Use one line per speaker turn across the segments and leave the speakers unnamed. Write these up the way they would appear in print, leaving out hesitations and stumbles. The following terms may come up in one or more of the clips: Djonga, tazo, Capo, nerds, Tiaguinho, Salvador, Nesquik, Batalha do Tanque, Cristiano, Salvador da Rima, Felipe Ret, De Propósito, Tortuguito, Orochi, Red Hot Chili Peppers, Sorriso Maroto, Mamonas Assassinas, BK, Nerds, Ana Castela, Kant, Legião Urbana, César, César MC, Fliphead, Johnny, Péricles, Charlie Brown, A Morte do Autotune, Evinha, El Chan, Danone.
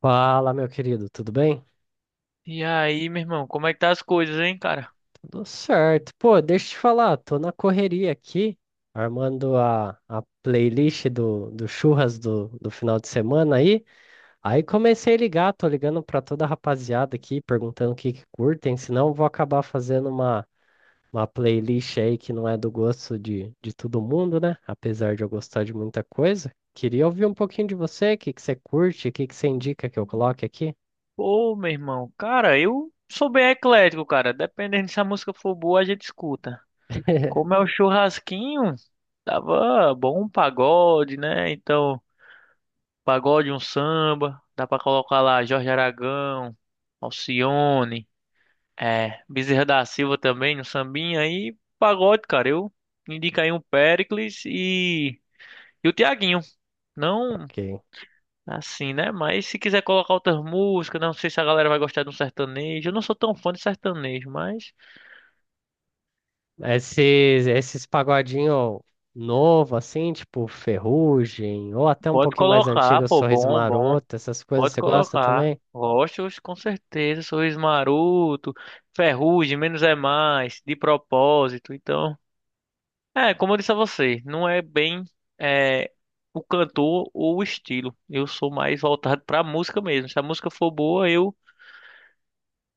Fala, meu querido, tudo bem?
E aí, meu irmão, como é que tá as coisas, hein, cara?
Tudo certo. Pô, deixa eu te falar, tô na correria aqui, armando a playlist do churras do final de semana aí. Aí comecei a ligar, tô ligando pra toda a rapaziada aqui, perguntando o que que curtem, senão eu vou acabar fazendo uma playlist aí que não é do gosto de todo mundo, né? Apesar de eu gostar de muita coisa. Queria ouvir um pouquinho de você, o que que você curte, o que que você indica que eu coloque aqui.
Pô, meu irmão, cara, eu sou bem eclético, cara. Dependendo se a música for boa, a gente escuta. Como é o churrasquinho, tava bom um pagode, né? Então, pagode, um samba, dá pra colocar lá Jorge Aragão, Alcione, Bezerra da Silva também, no sambinha aí, pagode, cara. Eu indico aí um Péricles e o Tiaguinho. Não.
Ok.
Assim, né? Mas se quiser colocar outras músicas, né? Não sei se a galera vai gostar de um sertanejo. Eu não sou tão fã de sertanejo, mas
Esses pagodinho novo, assim, tipo Ferrugem, ou até um
pode
pouquinho mais
colocar,
antigo,
pô,
Sorriso
bom, bom.
Maroto, essas coisas,
Pode
você gosta
colocar.
também?
Gosto, com certeza. Sorriso Maroto, Ferrugem, Menos é Mais, De Propósito. Então, como eu disse a você, não é bem é, o cantor ou o estilo. Eu sou mais voltado pra música mesmo. Se a música for boa,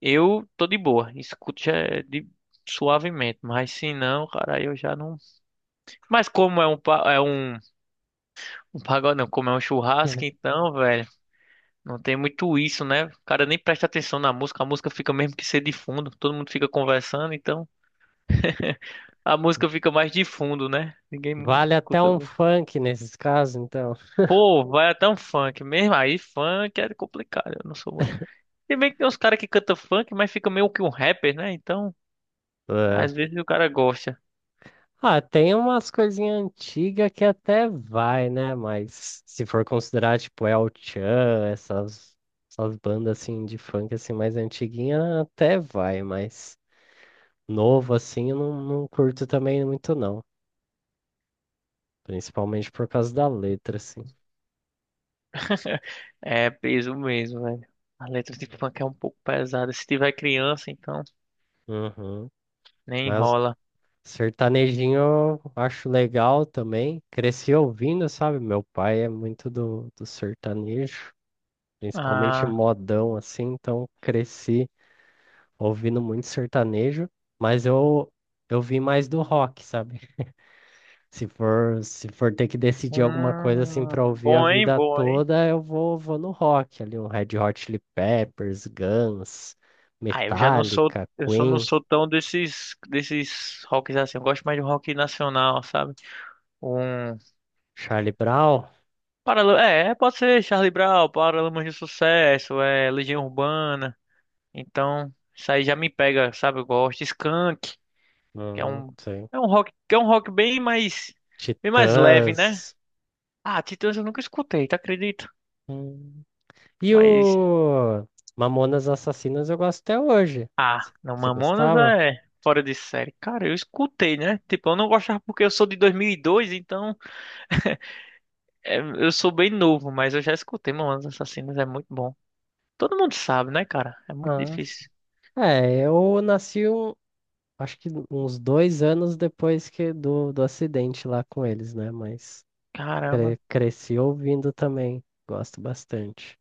Eu tô de boa, escuto já é de suavemente, mas se não, cara, aí eu já não. Mas como é um é um pagode, não, como é um churrasco, então, velho, não tem muito isso, né? O cara nem presta atenção na música, a música fica mesmo que ser de fundo, todo mundo fica conversando, então a música fica mais de fundo, né? Ninguém
Vale até
escuta.
um funk nesses casos, então.
Pô, vai até um funk mesmo, aí funk é complicado, eu não sou muito. Se bem que tem uns caras que cantam funk, mas fica meio que um rapper, né? Então,
É.
às vezes o cara gosta.
Ah, tem umas coisinhas antigas que até vai, né? Mas se for considerar, tipo, El Chan, essas bandas, assim, de funk, assim, mais antiguinha, até vai, mas novo, assim, eu não curto também muito, não. Principalmente por causa da letra, assim.
É peso mesmo, velho. A letra de funk é um pouco pesada. Se tiver criança, então
Uhum.
nem
Mas
rola.
sertanejinho eu acho legal também. Cresci ouvindo, sabe? Meu pai é muito do sertanejo, principalmente
Ah,
modão, assim. Então cresci ouvindo muito sertanejo, mas eu vi mais do rock, sabe? Se for, se for ter que decidir alguma coisa assim pra ouvir a
bom, hein,
vida
bom, hein.
toda, eu vou, vou no rock ali, um Red Hot Chili Peppers, Guns,
Ah, eu já não sou,
Metallica,
eu só não
Queen.
sou tão desses rocks assim. Eu gosto mais de um rock nacional, sabe? Um,
Charlie Brown?
Paralamas, pode ser Charlie Brown, Paralamas de Sucesso, é Legião Urbana. Então, isso aí já me pega, sabe? Eu gosto. Skunk, que é um,
Sei.
é um rock, que é um rock bem mais leve, né?
Titãs.
Ah, Titãs eu nunca escutei, tá acredita?
Hum. E
Mas,
o Mamonas Assassinas eu gosto até hoje.
ah, não,
Você
Mamonas
gostava?
é fora de série. Cara, eu escutei, né? Tipo, eu não gostava porque eu sou de 2002, então eu sou bem novo, mas eu já escutei Mamonas Assassinas, é muito bom. Todo mundo sabe, né, cara? É muito
Ah, sim.
difícil.
É, eu nasci um, acho que uns dois anos depois que do acidente lá com eles, né? Mas
Caramba.
cresci ouvindo também. Gosto bastante.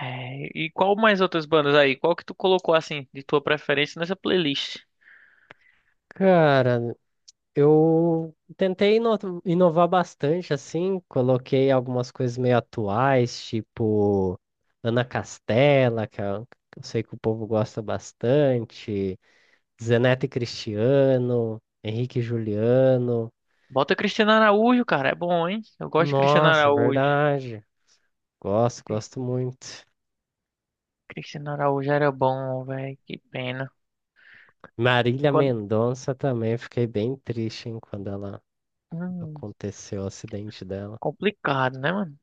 É, e qual mais outras bandas aí? Qual que tu colocou, assim, de tua preferência nessa playlist?
Cara, eu tentei inovar bastante, assim, coloquei algumas coisas meio atuais, tipo Ana Castela, que eu sei que o povo gosta bastante, Zeneto e Cristiano, Henrique e Juliano.
Bota Cristiano Araújo, cara, é bom, hein? Eu gosto de Cristiano
Nossa, é
Araújo.
verdade. Gosto, gosto muito.
Cristiano Araújo era bom, velho, que pena.
Marília
Quando...
Mendonça também, fiquei bem triste, hein, quando ela
hum.
aconteceu o acidente dela.
Complicado, né, mano?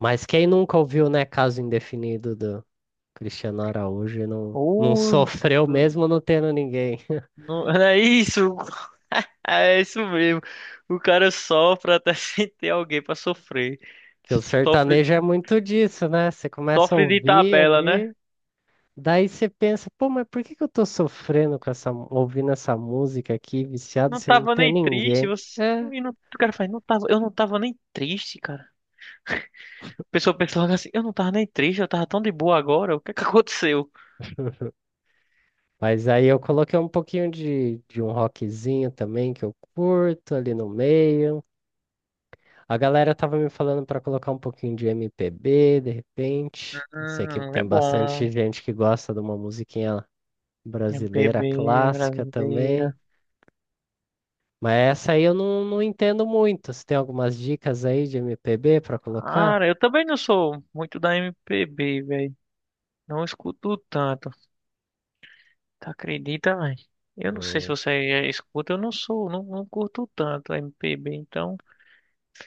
Mas quem nunca ouviu, né, Caso Indefinido Cristiano Araújo não
Ou.
sofreu mesmo não tendo ninguém.
É isso. É isso mesmo. O cara sofre até sem ter alguém pra sofrer.
Que o
Sofre,
sertanejo é muito disso, né? Você começa a
sofre de
ouvir
tabela, né?
ali, daí você pensa, pô, mas por que que eu tô sofrendo com essa, ouvindo essa música aqui, viciado,
Não
se não
tava
tem
nem triste.
ninguém?
Você...
É.
E não... O cara faz, não tava... eu não tava nem triste, cara. A pessoa pensa logo assim, eu não tava nem triste, eu tava tão de boa agora. O que é que aconteceu?
Mas aí eu coloquei um pouquinho de um rockzinho também, que eu curto ali no meio. A galera tava me falando pra colocar um pouquinho de MPB, de repente. Eu sei que
É
tem bastante
bom.
gente que gosta de uma musiquinha
MPB
brasileira clássica
brasileira.
também. Mas essa aí eu não entendo muito. Você tem algumas dicas aí de MPB para colocar?
Cara, eu também não sou muito da MPB, velho. Não escuto tanto. Tu acredita, velho? Eu não sei se
Hum.
você escuta, eu não sou, não, não curto tanto MPB, então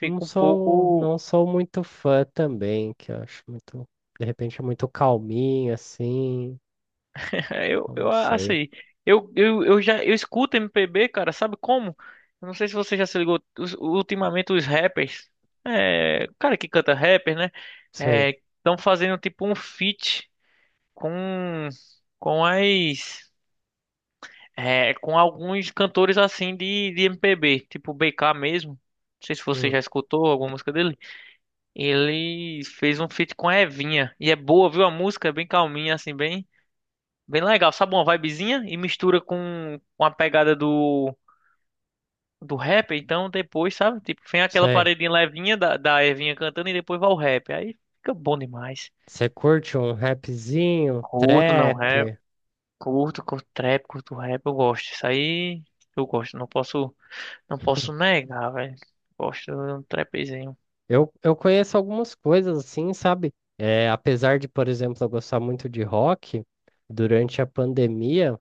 Não
um
sou,
pouco.
não sou muito fã também, que eu acho muito, de repente é muito calminho assim.
Eu,
Eu não
eu
sei.
assim, eu escuto MPB, cara, sabe como? Eu não sei se você já se ligou, ultimamente os rappers, o cara que canta rapper, né?
Sei.
estão fazendo tipo um feat com, com as. Com alguns cantores assim de MPB, tipo BK mesmo. Não sei se você
Hum,
já escutou alguma música dele. Ele fez um feat com a Evinha. E é boa, viu? A música é bem calminha, assim, bem legal. Sabe uma vibezinha? E mistura com a pegada do rap. Então depois, sabe? Tipo, vem aquela
sei.
paredinha levinha da Evinha cantando e depois vai o rap. Aí fica bom demais.
Você curte um rapzinho, um
Curto, não rap.
trap?
Curto, curto trap, curto rap. Eu gosto. Isso aí eu gosto. Não posso negar, velho. Gosto de um trapzinho.
Eu conheço algumas coisas assim, sabe? É, apesar de, por exemplo, eu gostar muito de rock, durante a pandemia,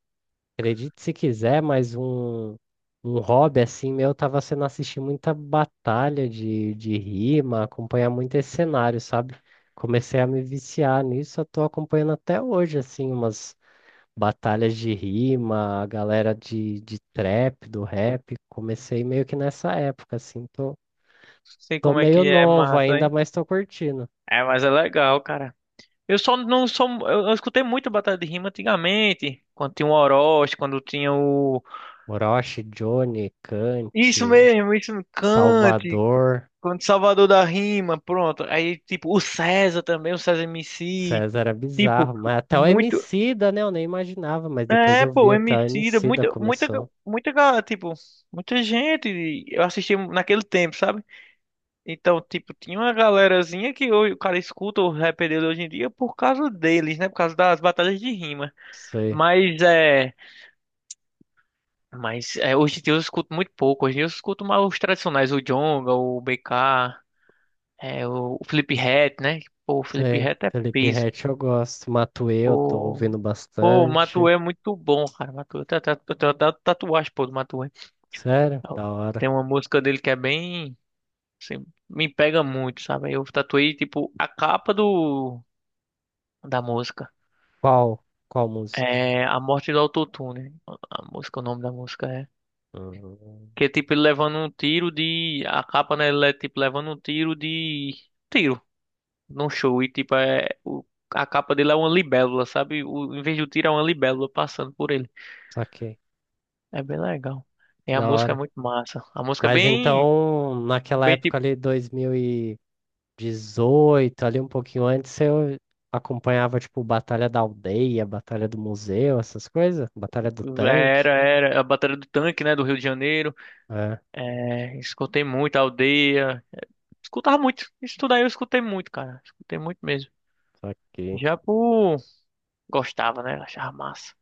acredite se quiser, mas um hobby assim meu tava sendo assistir muita batalha de rima, acompanhar muito esse cenário, sabe? Comecei a me viciar nisso, eu tô acompanhando até hoje, assim, umas batalhas de rima, a galera de trap, do rap. Comecei meio que nessa época, assim, tô,
Sei
tô
como é
meio
que é
novo
massa,
ainda,
hein?
mas tô curtindo.
É, mas é legal, cara. Eu só não sou. Eu escutei muito batalha de rima antigamente, quando tinha o Orochi, quando tinha o.
Orochi, Johnny,
Isso
Kant,
mesmo, isso mesmo. Cante,
Salvador.
quando Salvador da Rima, pronto. Aí, tipo, o César também, o César MC.
César era
Tipo,
bizarro, mas até o
muito.
Emicida, né? Eu nem imaginava, mas depois
É,
eu vi
pô,
até o
MC,
Emicida começou.
tipo, muita gente. Eu assisti naquele tempo, sabe? Então, tipo, tinha uma galerazinha que hoje o cara escuta o rap dele hoje em dia por causa deles, né? Por causa das batalhas de rima.
Sei,
Mas é. Mas é, hoje em dia eu escuto muito pouco. Hoje em dia eu escuto mais os tradicionais, o Djonga, o BK, o Fliphead, né? Pô, o
sei.
Fliphead é
Felipe
peso.
Ret eu gosto. Matuê eu tô
Pô,
ouvindo
pô, o
bastante.
Matuê é muito bom, cara. Matuê, eu tenho até tatuagem, pô, do Matuê.
Sério? Da hora.
Tem uma música dele que é bem, assim, me pega muito, sabe? Eu tatuei, tipo, a capa do, da música.
Qual? Qual música?
É A Morte do Autotune. A música, o nome da música é.
Hum,
Que é tipo ele levando um tiro de. A capa, né? Ele é tipo levando um tiro de. Tiro. Num show. E tipo, é. A capa dele é uma libélula, sabe? O... Em vez do tiro, é uma libélula passando por ele.
saquei.
É bem legal. E a
Da
música é
hora.
muito massa. A música é
Mas
bem.
então, naquela
Bem
época
tipo.
ali, 2018, ali um pouquinho antes, eu acompanhava, tipo, Batalha da Aldeia, Batalha do Museu, essas coisas? Batalha do
é, Era,
Tanque.
era. A Batalha do Tanque, né? Do Rio de Janeiro.
É,
É... Escutei muito a aldeia. Escutava muito. Isso tudo aí eu escutei muito, cara. Escutei muito mesmo.
saquei.
Já por. Gostava, né? Achava massa.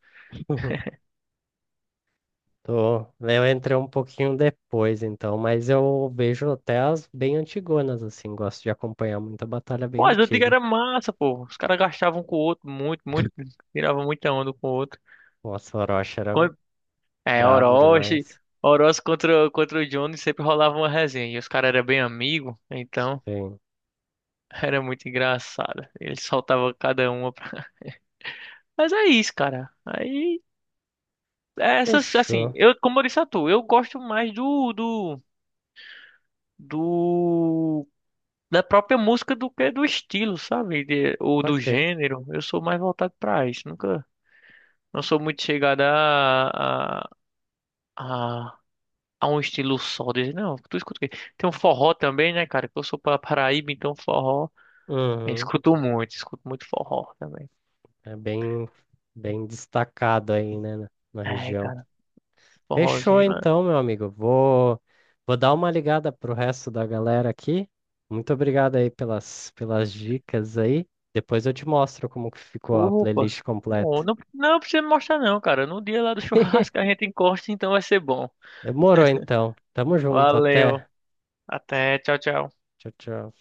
Tô, né, eu entrei um pouquinho depois, então, mas eu vejo até as bem antigonas, assim, gosto de acompanhar muita batalha bem
Pô, as antigas
antiga.
era massa, pô. Os caras gastavam com o outro muito, muito. Tiravam muita onda com o outro.
Nossa, o Orochi era
Quando- É,
brabo
Orochi.
demais.
Orochi contra o Johnny sempre rolava uma resenha. E os caras eram bem amigos, então
Sim.
era muito engraçado. Eles soltavam cada uma. Mas é isso, cara. Aí, essas, assim,
Fechou.
eu, como eu disse a tu, eu gosto mais do, da própria música do que do estilo, sabe? Ou do
Ok.
gênero. Eu sou mais voltado pra isso. Nunca. Não sou muito chegada a, a um estilo só. Dizer, não, tu escuta o quê? Tem um forró também, né, cara? Que eu sou para Paraíba, então forró. Eu
Uhum.
escuto muito forró também.
É bem, bem destacado aí, né, na
É,
região.
cara,
Fechou
forrozinho, mano.
então, meu amigo. Vou, vou dar uma ligada pro resto da galera aqui. Muito obrigado aí pelas, pelas dicas aí. Depois eu te mostro como que ficou a
Opa!
playlist completa.
Bom, não precisa me mostrar, não, cara. No dia lá do churrasco a gente encosta, então vai ser bom.
Demorou então. Tamo junto,
Valeu.
até.
Até, tchau, tchau.
Tchau, tchau.